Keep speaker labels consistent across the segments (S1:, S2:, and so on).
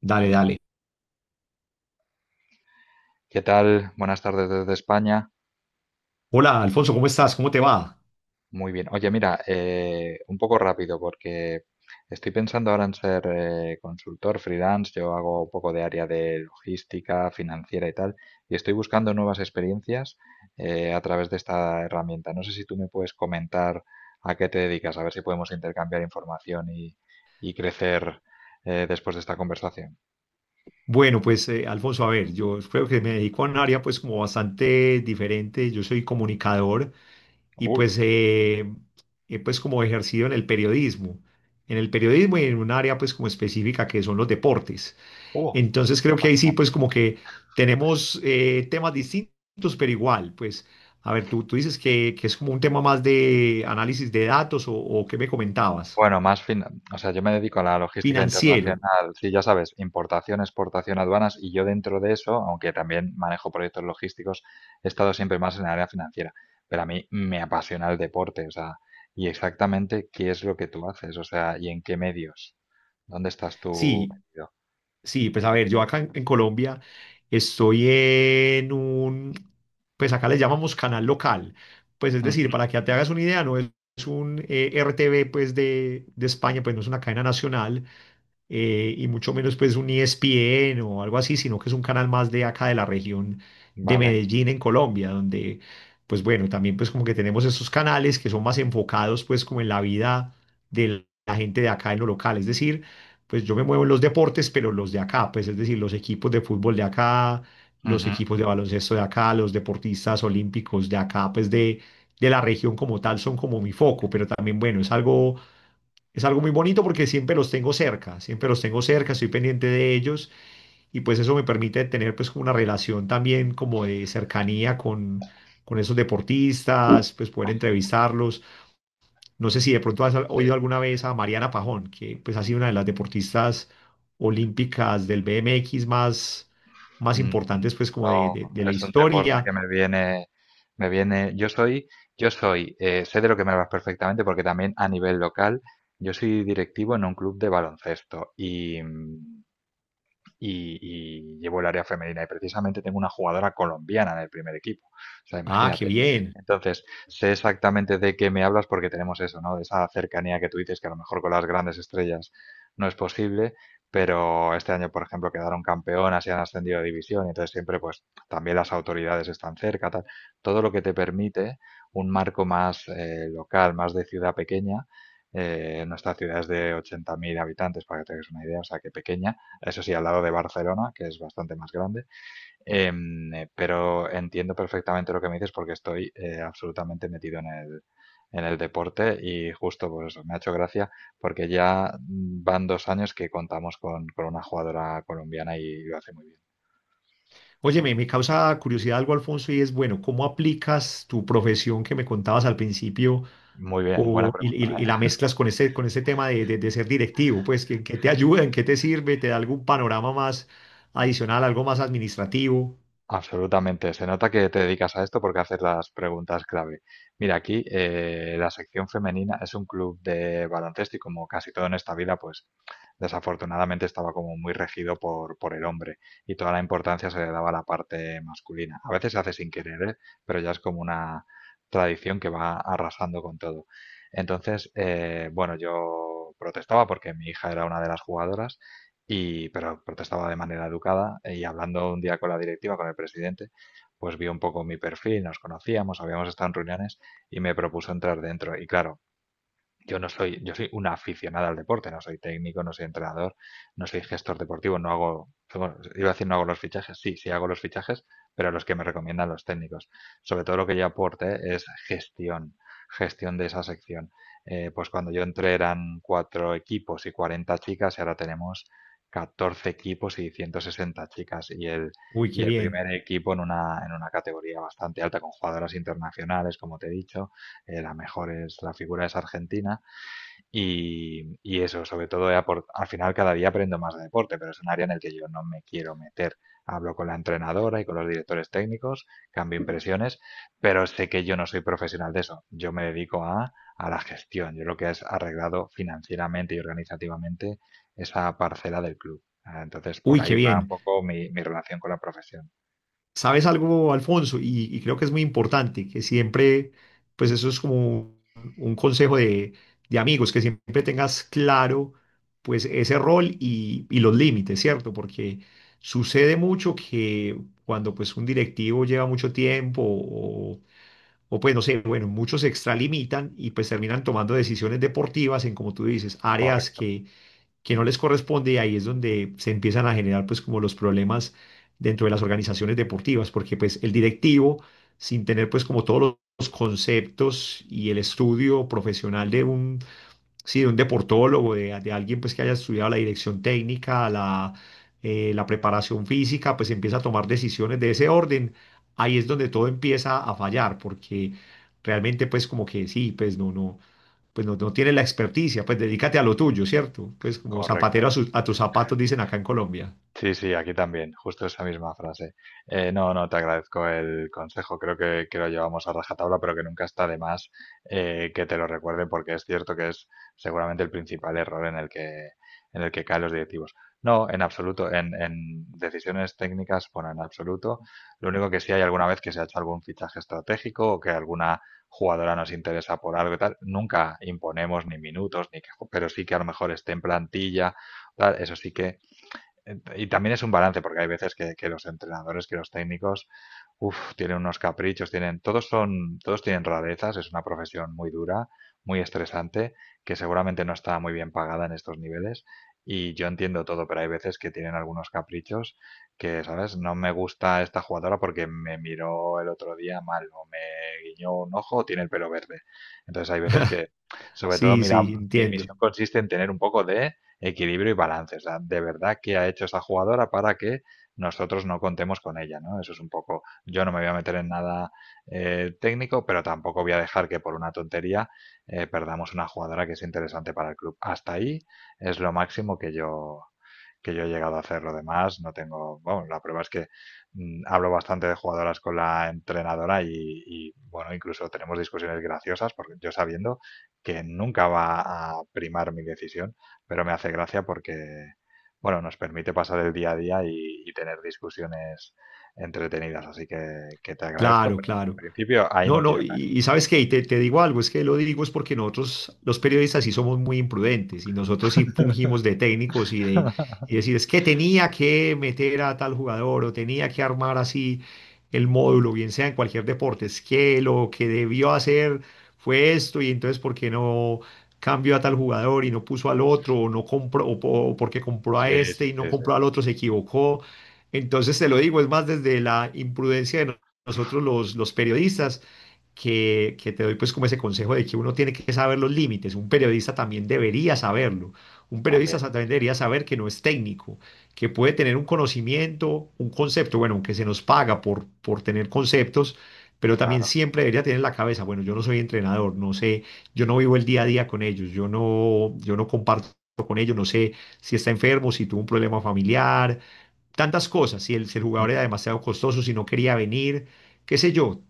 S1: Dale, dale.
S2: ¿Qué tal? Buenas tardes desde España.
S1: Hola, Alfonso, ¿cómo estás? ¿Cómo te va?
S2: Muy bien. Oye, mira, un poco rápido porque estoy pensando ahora en ser consultor freelance. Yo hago un poco de área de logística, financiera y tal, y estoy buscando nuevas experiencias a través de esta herramienta. No sé si tú me puedes comentar a qué te dedicas, a ver si podemos intercambiar información y crecer después de esta conversación.
S1: Bueno, pues, Alfonso, a ver, yo creo que me dedico a un área pues como bastante diferente. Yo soy comunicador y
S2: ¡Uy!
S1: pues he pues como ejercido en el periodismo. En el periodismo y en un área pues como específica que son los deportes.
S2: ¡Uh!
S1: Entonces creo que ahí sí, pues como que tenemos temas distintos, pero igual, pues, a ver, tú dices que es como un tema más de análisis de datos o qué me comentabas.
S2: Bueno, más fin, o sea, yo me dedico a la logística
S1: Financiero.
S2: internacional, sí, ya sabes, importación, exportación, aduanas, y yo dentro de eso, aunque también manejo proyectos logísticos, he estado siempre más en el área financiera, pero a mí me apasiona el deporte, o sea, y exactamente qué es lo que tú haces, o sea, y en qué medios, dónde estás tú
S1: Sí,
S2: metido.
S1: sí, pues a ver, yo acá en Colombia estoy en un, pues acá le llamamos canal local, pues es decir,
S2: Ujú.
S1: para que te hagas una idea, no es, es un RTV pues de España, pues no es una cadena nacional, y mucho menos pues un ESPN o algo así, sino que es un canal más de acá de la región de
S2: Vale.
S1: Medellín en Colombia, donde pues bueno, también pues como que tenemos esos canales que son más enfocados pues como en la vida de la gente de acá en lo local, es decir, pues yo me muevo en los deportes, pero los de acá, pues es decir, los equipos de fútbol de acá, los
S2: Ujú.
S1: equipos de baloncesto de acá, los deportistas olímpicos de acá, pues de la región como tal son como mi foco, pero también, bueno, es algo muy bonito porque siempre los tengo cerca, siempre los tengo cerca, estoy pendiente de ellos y pues eso me permite tener pues como una relación también como de cercanía con esos deportistas, pues poder entrevistarlos. No sé si de pronto has
S2: Sí.
S1: oído alguna vez a Mariana Pajón, que pues ha sido una de las deportistas olímpicas del BMX más, más
S2: Mm.
S1: importantes pues como de la
S2: Es un deporte
S1: historia.
S2: que me viene, me viene. Yo soy, sé de lo que me hablas perfectamente, porque también a nivel local, yo soy directivo en un club de baloncesto y y llevo el área femenina. Y precisamente tengo una jugadora colombiana en el primer equipo. O sea,
S1: Ah, qué
S2: imagínate.
S1: bien.
S2: Entonces, sé exactamente de qué me hablas porque tenemos eso, ¿no? De esa cercanía que tú dices que a lo mejor con las grandes estrellas no es posible, pero este año, por ejemplo, quedaron campeonas y han ascendido de división, y entonces siempre, pues, también las autoridades están cerca, tal. Todo lo que te permite un marco más local, más de ciudad pequeña. Nuestra ciudad es de 80.000 habitantes, para que te hagas una idea, o sea que pequeña, eso sí, al lado de Barcelona, que es bastante más grande. Eh, pero entiendo perfectamente lo que me dices porque estoy absolutamente metido en el deporte y justo pues eso, me ha hecho gracia porque ya van 2 años que contamos con una jugadora colombiana y lo hace muy bien.
S1: Oye, me causa curiosidad algo, Alfonso, y es, bueno, ¿cómo aplicas tu profesión que me contabas al principio
S2: Muy bien, buena
S1: o, y,
S2: pregunta.
S1: y la mezclas con ese tema de, de ser directivo, pues que te ayuda, en qué te sirve, te da algún panorama más adicional, algo más administrativo.
S2: Absolutamente. Se nota que te dedicas a esto porque haces las preguntas clave. Mira, aquí la sección femenina es un club de baloncesto y como casi todo en esta vida, pues desafortunadamente estaba como muy regido por el hombre y toda la importancia se le daba a la parte masculina. A veces se hace sin querer, ¿eh? Pero ya es como una tradición que va arrasando con todo. Entonces, bueno, yo protestaba porque mi hija era una de las jugadoras y, pero protestaba de manera educada y hablando un día con la directiva, con el presidente, pues vio un poco mi perfil, nos conocíamos, habíamos estado en reuniones y me propuso entrar dentro. Y claro, yo no soy, yo soy una aficionada al deporte, no soy técnico, no soy entrenador, no soy gestor deportivo, no hago, bueno, iba a decir no hago los fichajes, sí, sí hago los fichajes, pero los que me recomiendan los técnicos. Sobre todo lo que yo aporte es gestión, gestión de esa sección. Pues cuando yo entré eran cuatro equipos y 40 chicas y ahora tenemos 14 equipos y 160 chicas
S1: Uy,
S2: y
S1: qué
S2: el
S1: bien,
S2: primer equipo en una categoría bastante alta con jugadoras internacionales, como te he dicho, la mejor es, la figura es argentina y eso, sobre todo, al final cada día aprendo más de deporte, pero es un área en el que yo no me quiero meter. Hablo con la entrenadora y con los directores técnicos, cambio impresiones, pero sé que yo no soy profesional de eso. Yo me dedico a la gestión. Yo lo que es arreglado financieramente y organizativamente esa parcela del club. Ah, entonces, por
S1: uy, qué
S2: ahí va un
S1: bien.
S2: poco mi relación con la profesión.
S1: ¿Sabes algo, Alfonso? Y creo que es muy importante, que siempre, pues eso es como un consejo de amigos, que siempre tengas claro, pues ese rol y los límites, ¿cierto? Porque sucede mucho que cuando pues un directivo lleva mucho tiempo o pues no sé, bueno, muchos se extralimitan y pues terminan tomando decisiones deportivas en, como tú dices, áreas
S2: Correcto,
S1: que no les corresponde y ahí es donde se empiezan a generar pues como los problemas dentro de las organizaciones deportivas, porque pues el directivo, sin tener pues como todos los conceptos y el estudio profesional de un sí, de un deportólogo, de alguien pues que haya estudiado la dirección técnica, la, la preparación física, pues empieza a tomar decisiones de ese orden. Ahí es donde todo empieza a fallar, porque realmente pues como que sí, pues no, no tiene la experticia, pues dedícate a lo tuyo, ¿cierto? Pues como zapatero a,
S2: correcto.
S1: a tus zapatos dicen acá en Colombia.
S2: Sí, sí, aquí también, justo esa misma frase. No, no, te agradezco el consejo, creo que lo llevamos a rajatabla, pero que nunca está de más que te lo recuerde, porque es cierto que es seguramente el principal error en el que caen los directivos. No, en absoluto, en decisiones técnicas, bueno, en absoluto. Lo único que sí hay alguna vez que se ha hecho algún fichaje estratégico o que alguna jugadora nos interesa por algo y tal, nunca imponemos ni minutos, ni que, pero sí que a lo mejor esté en plantilla, tal, eso sí que Ent- y también es un balance, porque hay veces que los entrenadores, que los técnicos, uf, tienen unos caprichos, tienen, todos son, todos tienen rarezas, es una profesión muy dura, muy estresante, que seguramente no está muy bien pagada en estos niveles. Y yo entiendo todo, pero hay veces que tienen algunos caprichos que, ¿sabes? No me gusta esta jugadora porque me miró el otro día mal, o me guiñó un ojo, o tiene el pelo verde. Entonces hay veces que, sobre todo,
S1: Sí,
S2: mira,
S1: sí,
S2: mi
S1: entiendo.
S2: misión consiste en tener un poco de equilibrio y balance. O sea, de verdad, ¿qué ha hecho esa jugadora para que nosotros no contemos con ella? ¿No? Eso es un poco, yo no me voy a meter en nada técnico, pero tampoco voy a dejar que por una tontería perdamos una jugadora que es interesante para el club. Hasta ahí es lo máximo que yo he llegado a hacer lo demás, no tengo, bueno, la prueba es que hablo bastante de jugadoras con la entrenadora y, bueno, incluso tenemos discusiones graciosas, porque yo sabiendo que nunca va a primar mi decisión, pero me hace gracia porque, bueno, nos permite pasar el día a día y tener discusiones entretenidas, así que te agradezco,
S1: Claro,
S2: pero bueno, en
S1: claro.
S2: principio ahí
S1: No,
S2: no
S1: no,
S2: quiero
S1: y sabes qué, y te digo algo, es que lo digo es porque nosotros, los periodistas, sí somos muy imprudentes y nosotros sí
S2: caer.
S1: fungimos de técnicos y de y decir, es que tenía que meter a tal jugador o tenía que armar así el módulo, bien sea en cualquier deporte, es que lo que debió hacer fue esto y entonces, ¿por qué no cambió a tal jugador y no puso al otro o no compró, o, o porque compró
S2: Sí,
S1: a
S2: sí, sí,
S1: este y no
S2: sí, sí,
S1: compró al otro, se equivocó? Entonces te lo digo, es más desde la imprudencia de nosotros los periodistas, que te doy pues como ese consejo de que uno tiene que saber los límites, un periodista también debería saberlo, un periodista
S2: también, sí,
S1: también
S2: sí,
S1: debería saber que no es técnico, que puede tener un conocimiento, un concepto, bueno, aunque se nos paga por tener conceptos, pero también
S2: claro.
S1: siempre debería tener en la cabeza, bueno, yo no soy entrenador, no sé, yo no vivo el día a día con ellos, yo no, yo no comparto con ellos, no sé si está enfermo, si tuvo un problema familiar, tantas cosas, si el, si el jugador era demasiado costoso, si no quería venir, qué sé yo,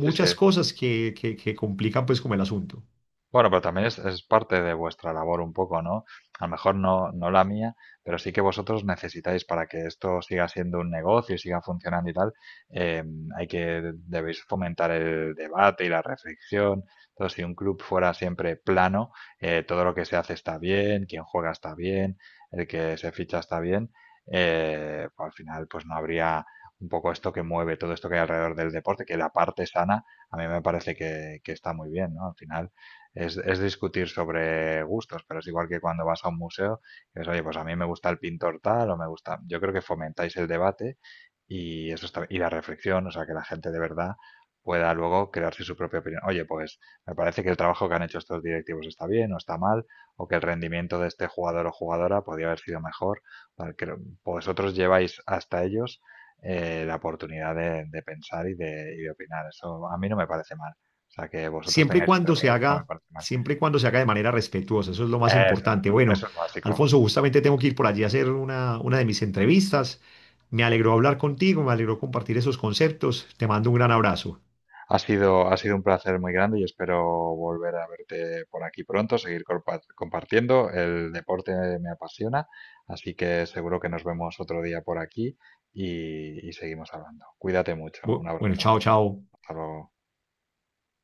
S2: Sí, sí.
S1: cosas que complican pues como el asunto.
S2: Bueno, pero también es parte de vuestra labor un poco, ¿no? A lo mejor no, no la mía, pero sí que vosotros necesitáis para que esto siga siendo un negocio y siga funcionando y tal, eh, hay que, debéis fomentar el debate y la reflexión. Entonces, si un club fuera siempre plano, todo lo que se hace está bien, quien juega está bien, el que se ficha está bien, pues al final pues no habría un poco esto que mueve todo esto que hay alrededor del deporte, que la parte sana a mí me parece que está muy bien, ¿no? Al final es discutir sobre gustos, pero es igual que cuando vas a un museo, que es, oye, pues a mí me gusta el pintor tal o me gusta. Yo creo que fomentáis el debate y eso está, y la reflexión, o sea, que la gente de verdad pueda luego crearse su propia opinión. Oye, pues me parece que el trabajo que han hecho estos directivos está bien o está mal, o que el rendimiento de este jugador o jugadora podría haber sido mejor. Porque vosotros lleváis hasta ellos la oportunidad de pensar y de opinar. Eso a mí no me parece mal. O sea, que vosotros
S1: Siempre y
S2: tengáis ese
S1: cuando se
S2: rol no me
S1: haga,
S2: parece mal.
S1: siempre y cuando se haga de manera respetuosa, eso es lo más
S2: Eso,
S1: importante. Bueno,
S2: eso es básico.
S1: Alfonso, justamente tengo que ir por allí a hacer una de mis entrevistas. Me alegró hablar contigo, me alegró compartir esos conceptos. Te mando un gran abrazo.
S2: Ha sido un placer muy grande y espero volver a verte por aquí pronto, seguir compa- compartiendo. El deporte me apasiona, así que seguro que nos vemos otro día por aquí y seguimos hablando. Cuídate mucho. Un
S1: Bueno,
S2: abrazo.
S1: chao, chao.
S2: Hasta luego.